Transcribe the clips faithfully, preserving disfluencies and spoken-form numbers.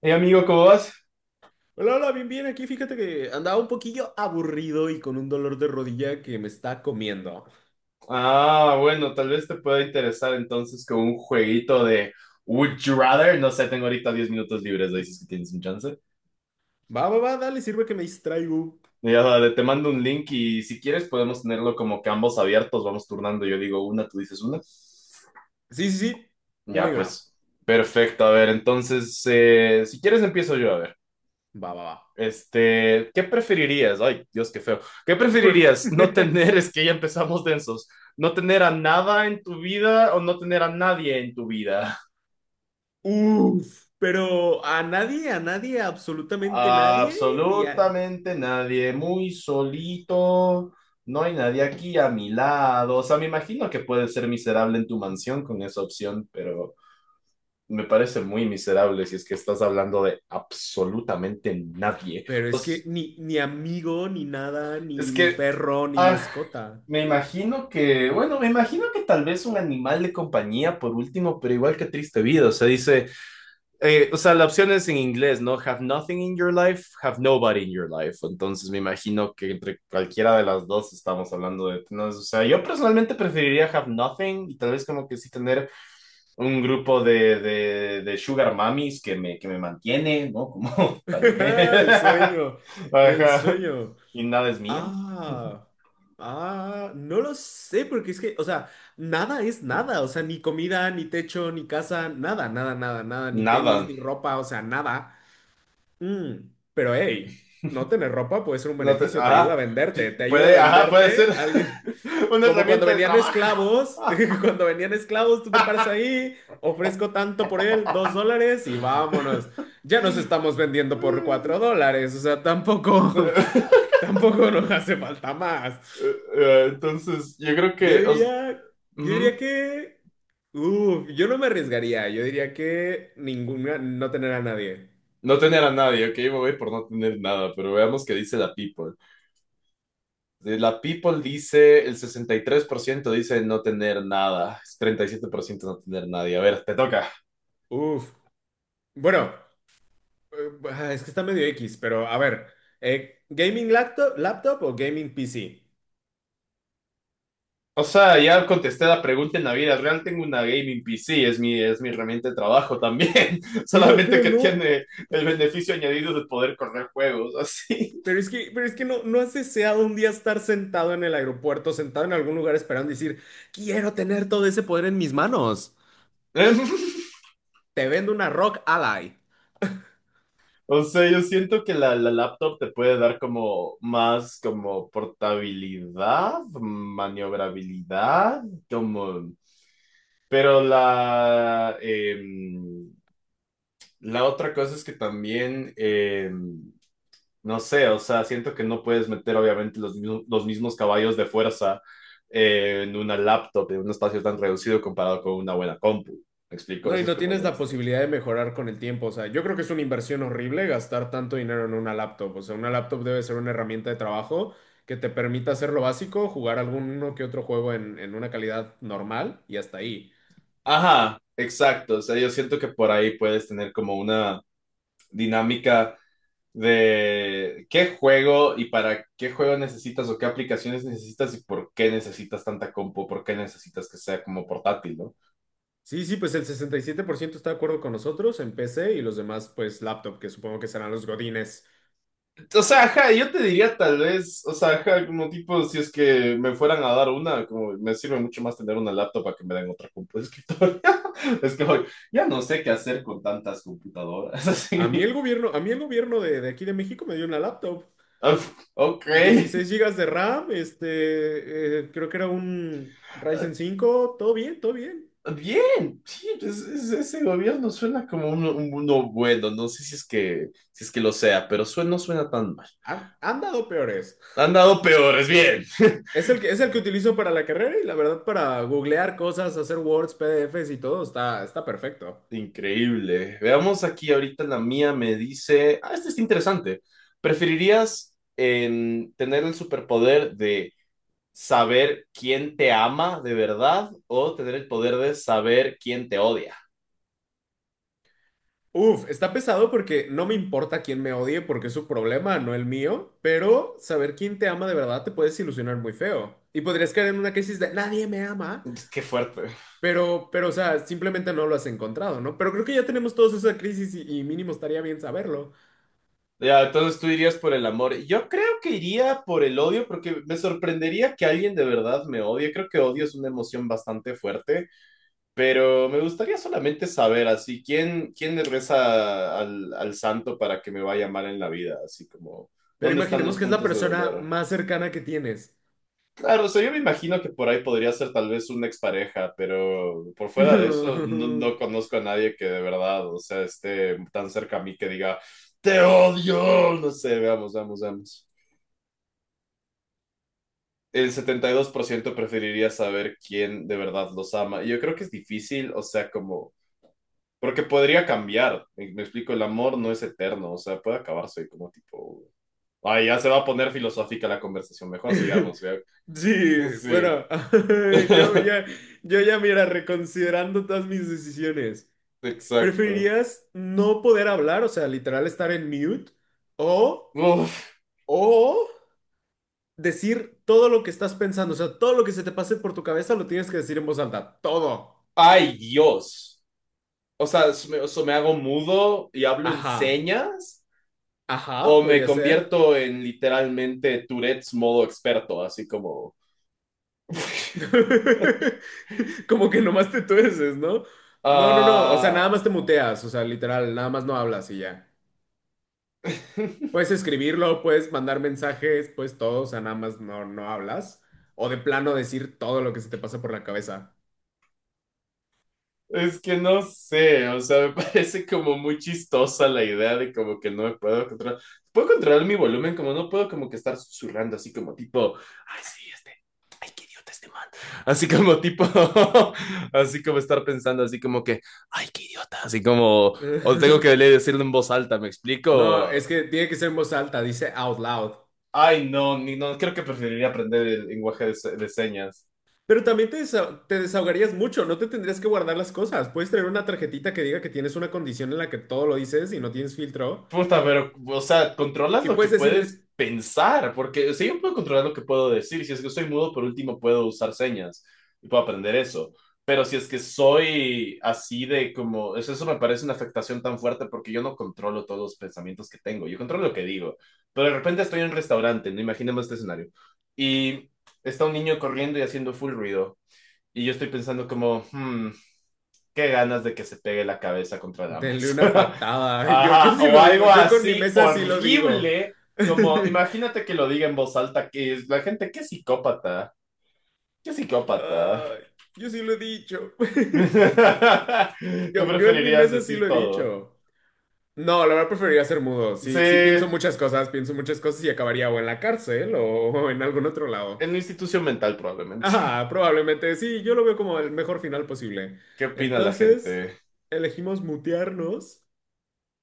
Hey amigo, ¿cómo vas? Hola, hola, bien, bien, aquí fíjate que andaba un poquillo aburrido y con un dolor de rodilla que me está comiendo. Ah, bueno, tal vez te pueda interesar entonces con un jueguito de Would You Rather. No sé, tengo ahorita diez minutos libres, ¿no? Dices que tienes un chance. Va, va, va, dale, sirve que me distraigo. Ya, dale, te mando un link y si quieres podemos tenerlo como que ambos abiertos, vamos turnando. Yo digo una, tú dices una. Sí, sí, sí, una Ya, y una. pues, perfecto. A ver, entonces, eh, si quieres empiezo yo, a ver. Va, va, va. Este, ¿qué preferirías? Ay, Dios, qué feo. ¿Qué preferirías? No tener, es que ya empezamos densos. No tener a nada en tu vida o no tener a nadie en tu vida. Uf, pero a nadie, a nadie, absolutamente nadie, ya. Absolutamente nadie, muy solito. No hay nadie aquí a mi lado. O sea, me imagino que puedes ser miserable en tu mansión con esa opción, pero me parece muy miserable si es que estás hablando de absolutamente nadie. Pero O es que sea, ni, ni amigo, ni nada, es ni, ni que, perro, ni ah, mascota. me imagino que, bueno, me imagino que tal vez un animal de compañía por último, pero igual que triste vida. O sea, dice, eh, o sea, la opción es en inglés, ¿no? Have nothing in your life, have nobody in your life. Entonces me imagino que entre cualquiera de las dos estamos hablando de, ¿no? O sea, yo personalmente preferiría have nothing y tal vez como que sí tener un grupo de, de, de sugar mummies que me, que me mantiene, ¿no? Como tal vez. El sueño, el Ajá. sueño. Y nada es mío. Ah, ah, no lo sé, porque es que, o sea, nada es nada, o sea, ni comida, ni techo, ni casa, nada, nada, nada, nada, ni tenis, Nada. ni ropa, o sea, nada. Mm, pero hey, no tener ropa puede ser un No te- beneficio, te ayuda a ajá. venderte, Sí, te ayuda a puede, ajá, puede ser venderte alguien. una Como cuando herramienta de venían trabajo. esclavos, cuando venían esclavos, tú te paras ahí, ofrezco tanto por él, dos dólares y vámonos. Ya nos estamos vendiendo por cuatro dólares, o sea, tampoco. Tampoco nos hace falta más. Eh, entonces, yo creo Yo que os diría, yo diría ujú. que, uf, yo no me arriesgaría. Yo diría que ninguna, no tener a nadie. No tener a nadie, ok, me voy por no tener nada, pero veamos qué dice la People. De La People dice, el sesenta y tres por ciento dice no tener nada, es treinta y siete por ciento no tener nadie. A ver, te toca. Uf. Bueno, eh, ah, es que está medio X, pero a ver, eh, gaming laptop, laptop o gaming P C. O sea, ya contesté la pregunta en la vida real. Tengo una gaming P C, es mi, es mi herramienta de trabajo también. Pero, Solamente pero que no, tiene el beneficio añadido de poder correr juegos, así. pero es que, pero es que no, no has deseado un día estar sentado en el aeropuerto, sentado en algún lugar esperando y decir, quiero tener todo ese poder en mis manos. Te vendo una Rock Ally. O sea, yo siento que la, la laptop te puede dar como más como portabilidad, maniobrabilidad, como... Pero la, em, la otra cosa es que también... em, no sé, o sea, siento que no puedes meter obviamente los, mismo- los mismos caballos de fuerza eh, en una laptop, en un espacio tan reducido comparado con una buena compu. ¿Me explico? No, y Eso es no como tienes lo la distinto. posibilidad de mejorar con el tiempo. O sea, yo creo que es una inversión horrible gastar tanto dinero en una laptop. O sea, una laptop debe ser una herramienta de trabajo que te permita hacer lo básico, jugar alguno que otro juego en, en una calidad normal y hasta ahí. Ajá, exacto. O sea, yo siento que por ahí puedes tener como una dinámica de qué juego y para qué juego necesitas o qué aplicaciones necesitas y por qué necesitas tanta compu, por qué necesitas que sea como portátil, ¿no? Sí, sí, pues el sesenta y siete por ciento está de acuerdo con nosotros en P C y los demás, pues laptop, que supongo que serán los godines. O sea, ajá, yo te diría tal vez, o sea, ajá, como tipo, si es que me fueran a dar una, como me sirve mucho más tener una laptop a que me den otra compu de escritorio. Es que hoy ya no sé qué hacer con tantas computadoras, A mí el así. gobierno, a mí el gobierno de, de aquí de México me dio una laptop. Uf, ok. Dieciséis gigas de RAM, este, eh, creo que era un Ryzen cinco, todo bien, todo bien. Bien, sí, pues, es- ese gobierno suena como uno, un- uno bueno, no sé si es que, si es que lo sea, pero suena, no suena tan mal. Han, han dado peores. Han dado peores, bien. Es el que, es el que utilizo para la carrera y la verdad para googlear cosas, hacer Words, P D Fs y todo está, está perfecto. Increíble. Veamos aquí ahorita la mía me dice, ah, este es interesante. ¿Preferirías em, tener el superpoder de saber quién te ama de verdad o tener el poder de saber quién te odia? Uf, está pesado porque no me importa quién me odie porque es su problema, no el mío, pero saber quién te ama de verdad te puedes ilusionar muy feo. Y podrías caer en una crisis de nadie me ama, Qué fuerte. pero, pero, o sea, simplemente no lo has encontrado, ¿no? Pero creo que ya tenemos todos esa crisis y, y mínimo estaría bien saberlo. Ya, entonces tú irías por el amor. Yo creo que iría por el odio porque me sorprendería que alguien de verdad me odie. Creo que odio es una emoción bastante fuerte. Pero me gustaría solamente saber, así, ¿quién, quién le reza al, al santo para que me vaya mal en la vida? Así como, Pero ¿dónde están imaginemos los que es la puntos de persona dolor? más cercana que tienes. Claro, o sea, yo me imagino que por ahí podría ser tal vez una expareja, pero por fuera de eso, no, no conozco a nadie que de verdad, o sea, esté tan cerca a mí que diga, te odio, no sé, veamos, veamos, veamos. El setenta y dos por ciento preferiría saber quién de verdad los ama. Y yo creo que es difícil, o sea, como... Porque podría cambiar, me, me explico, el amor no es eterno, o sea, puede acabarse como tipo... Ay, ya se va a poner filosófica la conversación, mejor sigamos, ¿ya? Sí, Sí, bueno, yo ya, yo ya, mira, reconsiderando todas mis decisiones, exacto. ¿preferirías no poder hablar, o sea, literal estar en mute, o, Uf. o decir todo lo que estás pensando, o sea, todo lo que se te pase por tu cabeza lo tienes que decir en voz alta, todo? Ay, Dios. O sea, ¿so me, so me hago mudo y hablo en Ajá, señas ajá, o me podría ser. convierto en literalmente Tourette's modo experto, así como... Como que nomás te tuerces, ¿no? No, no, no, o sea, nada Ah, más te muteas, o sea, literal, nada más no hablas y ya. Puedes escribirlo, puedes mandar mensajes, pues todo, o sea, nada más no, no hablas. O de plano decir todo lo que se te pasa por la cabeza. es que no sé, o sea, me parece como muy chistosa la idea de como que no me puedo controlar. Puedo controlar mi volumen, como no puedo como que estar susurrando así como tipo, ay, sí, este, ay, qué idiota este man. Así como tipo, así como estar pensando así como que, ay, qué idiota, así como, o tengo que decirlo en voz alta, ¿me No, es explico? que tiene que ser en voz alta, dice out loud. Ay, no, ni, no, creo que preferiría aprender el lenguaje de, se- de señas. Pero también te, desa- te desahogarías mucho, no te tendrías que guardar las cosas. Puedes tener una tarjetita que diga que tienes una condición en la que todo lo dices y no tienes filtro. Puta, pero, o sea, controlas Y lo que puedes puedes decirle, pensar, porque, o sea, yo puedo controlar lo que puedo decir. Si es que soy mudo, por último, puedo usar señas y puedo aprender eso. Pero si es que soy así de como, eso, eso me parece una afectación tan fuerte porque yo no controlo todos los pensamientos que tengo, yo controlo lo que digo. Pero de repente estoy en un restaurante, no imaginemos este escenario, y está un niño corriendo y haciendo full ruido. Y yo estoy pensando como, hmm, qué ganas de que se pegue la cabeza contra la denle mesa. una patada. Yo, yo Ajá, sí o lo digo, algo yo con mi así mesa sí lo digo. horrible, como imagínate que lo diga en voz alta, que la gente, qué psicópata, qué psicópata. Ay, yo sí lo he dicho. Tú Yo, yo en mi preferirías mesa sí decir lo he todo. dicho. No, la verdad preferiría ser mudo. Sí, Sí, sí pienso en muchas cosas, pienso muchas cosas y acabaría o en la cárcel o en algún otro lado. una institución mental probablemente. Ajá, probablemente sí, yo lo veo como el mejor final posible. ¿Qué opina la Entonces, gente? elegimos mutearnos.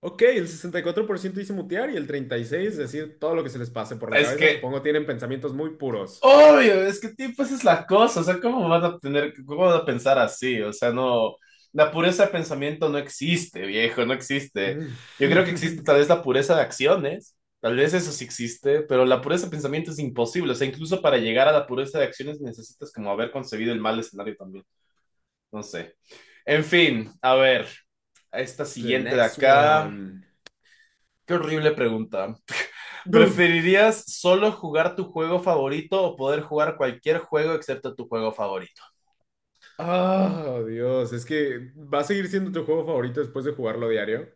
Ok, el sesenta y cuatro por ciento dice mutear y el treinta y seis por ciento decir todo lo que se les pase por la Es cabeza. que... Supongo tienen pensamientos muy puros. Obvio, es que tipo, esa es la cosa, o sea, ¿cómo vas a tener, cómo vas a pensar así? O sea, no, la pureza de pensamiento no existe, viejo, no existe. Yo creo que existe tal vez la pureza de acciones, tal vez eso sí existe, pero la pureza de pensamiento es imposible, o sea, incluso para llegar a la pureza de acciones necesitas como haber concebido el mal escenario también, no sé. En fin, a ver, a esta The siguiente de next acá, one. qué horrible pregunta. Uf. ¿Preferirías solo jugar tu juego favorito o poder jugar cualquier juego excepto tu juego favorito? Ah, Dios, es que va a seguir siendo tu juego favorito después de jugarlo diario.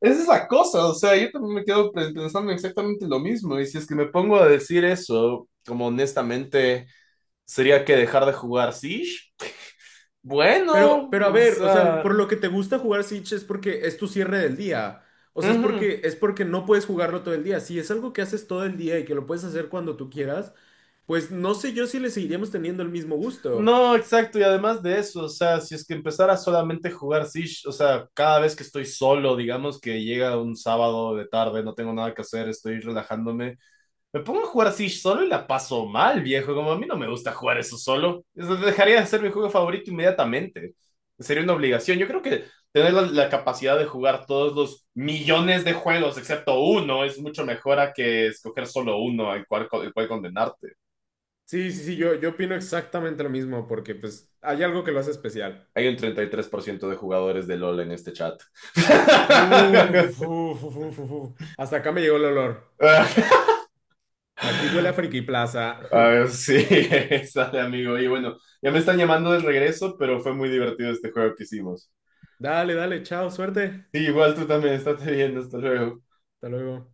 Esa es la cosa, o sea, yo también me quedo pe- pensando exactamente lo mismo. Y si es que... Si me pongo a decir eso, como honestamente, sería que dejar de jugar Siege. Pero, Bueno, pero a o ver, o sea, sea, por lo que te gusta jugar Siege es porque es tu cierre del día. O sea, es ujú. porque es porque no puedes jugarlo todo el día. Si es algo que haces todo el día y que lo puedes hacer cuando tú quieras, pues no sé yo si le seguiríamos teniendo el mismo gusto. No, exacto, y además de eso, o sea, si es que empezara solamente a jugar Siege, o sea, cada vez que estoy solo, digamos que llega un sábado de tarde, no tengo nada que hacer, estoy relajándome, me pongo a jugar así solo y la paso mal, viejo. Como a mí no me gusta jugar eso solo. Eso dejaría de ser mi juego favorito inmediatamente. Sería una obligación. Yo creo que tener la, la capacidad de jugar todos los millones de juegos, excepto uno, es mucho mejor a que escoger solo uno al cual, al cual condenarte. Sí, sí, sí, yo, yo opino exactamente lo mismo porque pues hay algo que lo hace especial. Hay un treinta y tres por ciento de jugadores de LOL en este chat. Uf, uf, uf, uf, uf. Hasta acá me llegó el olor. Aquí huele a Friki Plaza. Ah, sí, sale amigo. Y bueno, ya me están llamando de regreso, pero fue muy divertido este juego que hicimos. Dale, dale, chao, suerte. Sí, igual tú también, estate bien, hasta luego. Hasta luego.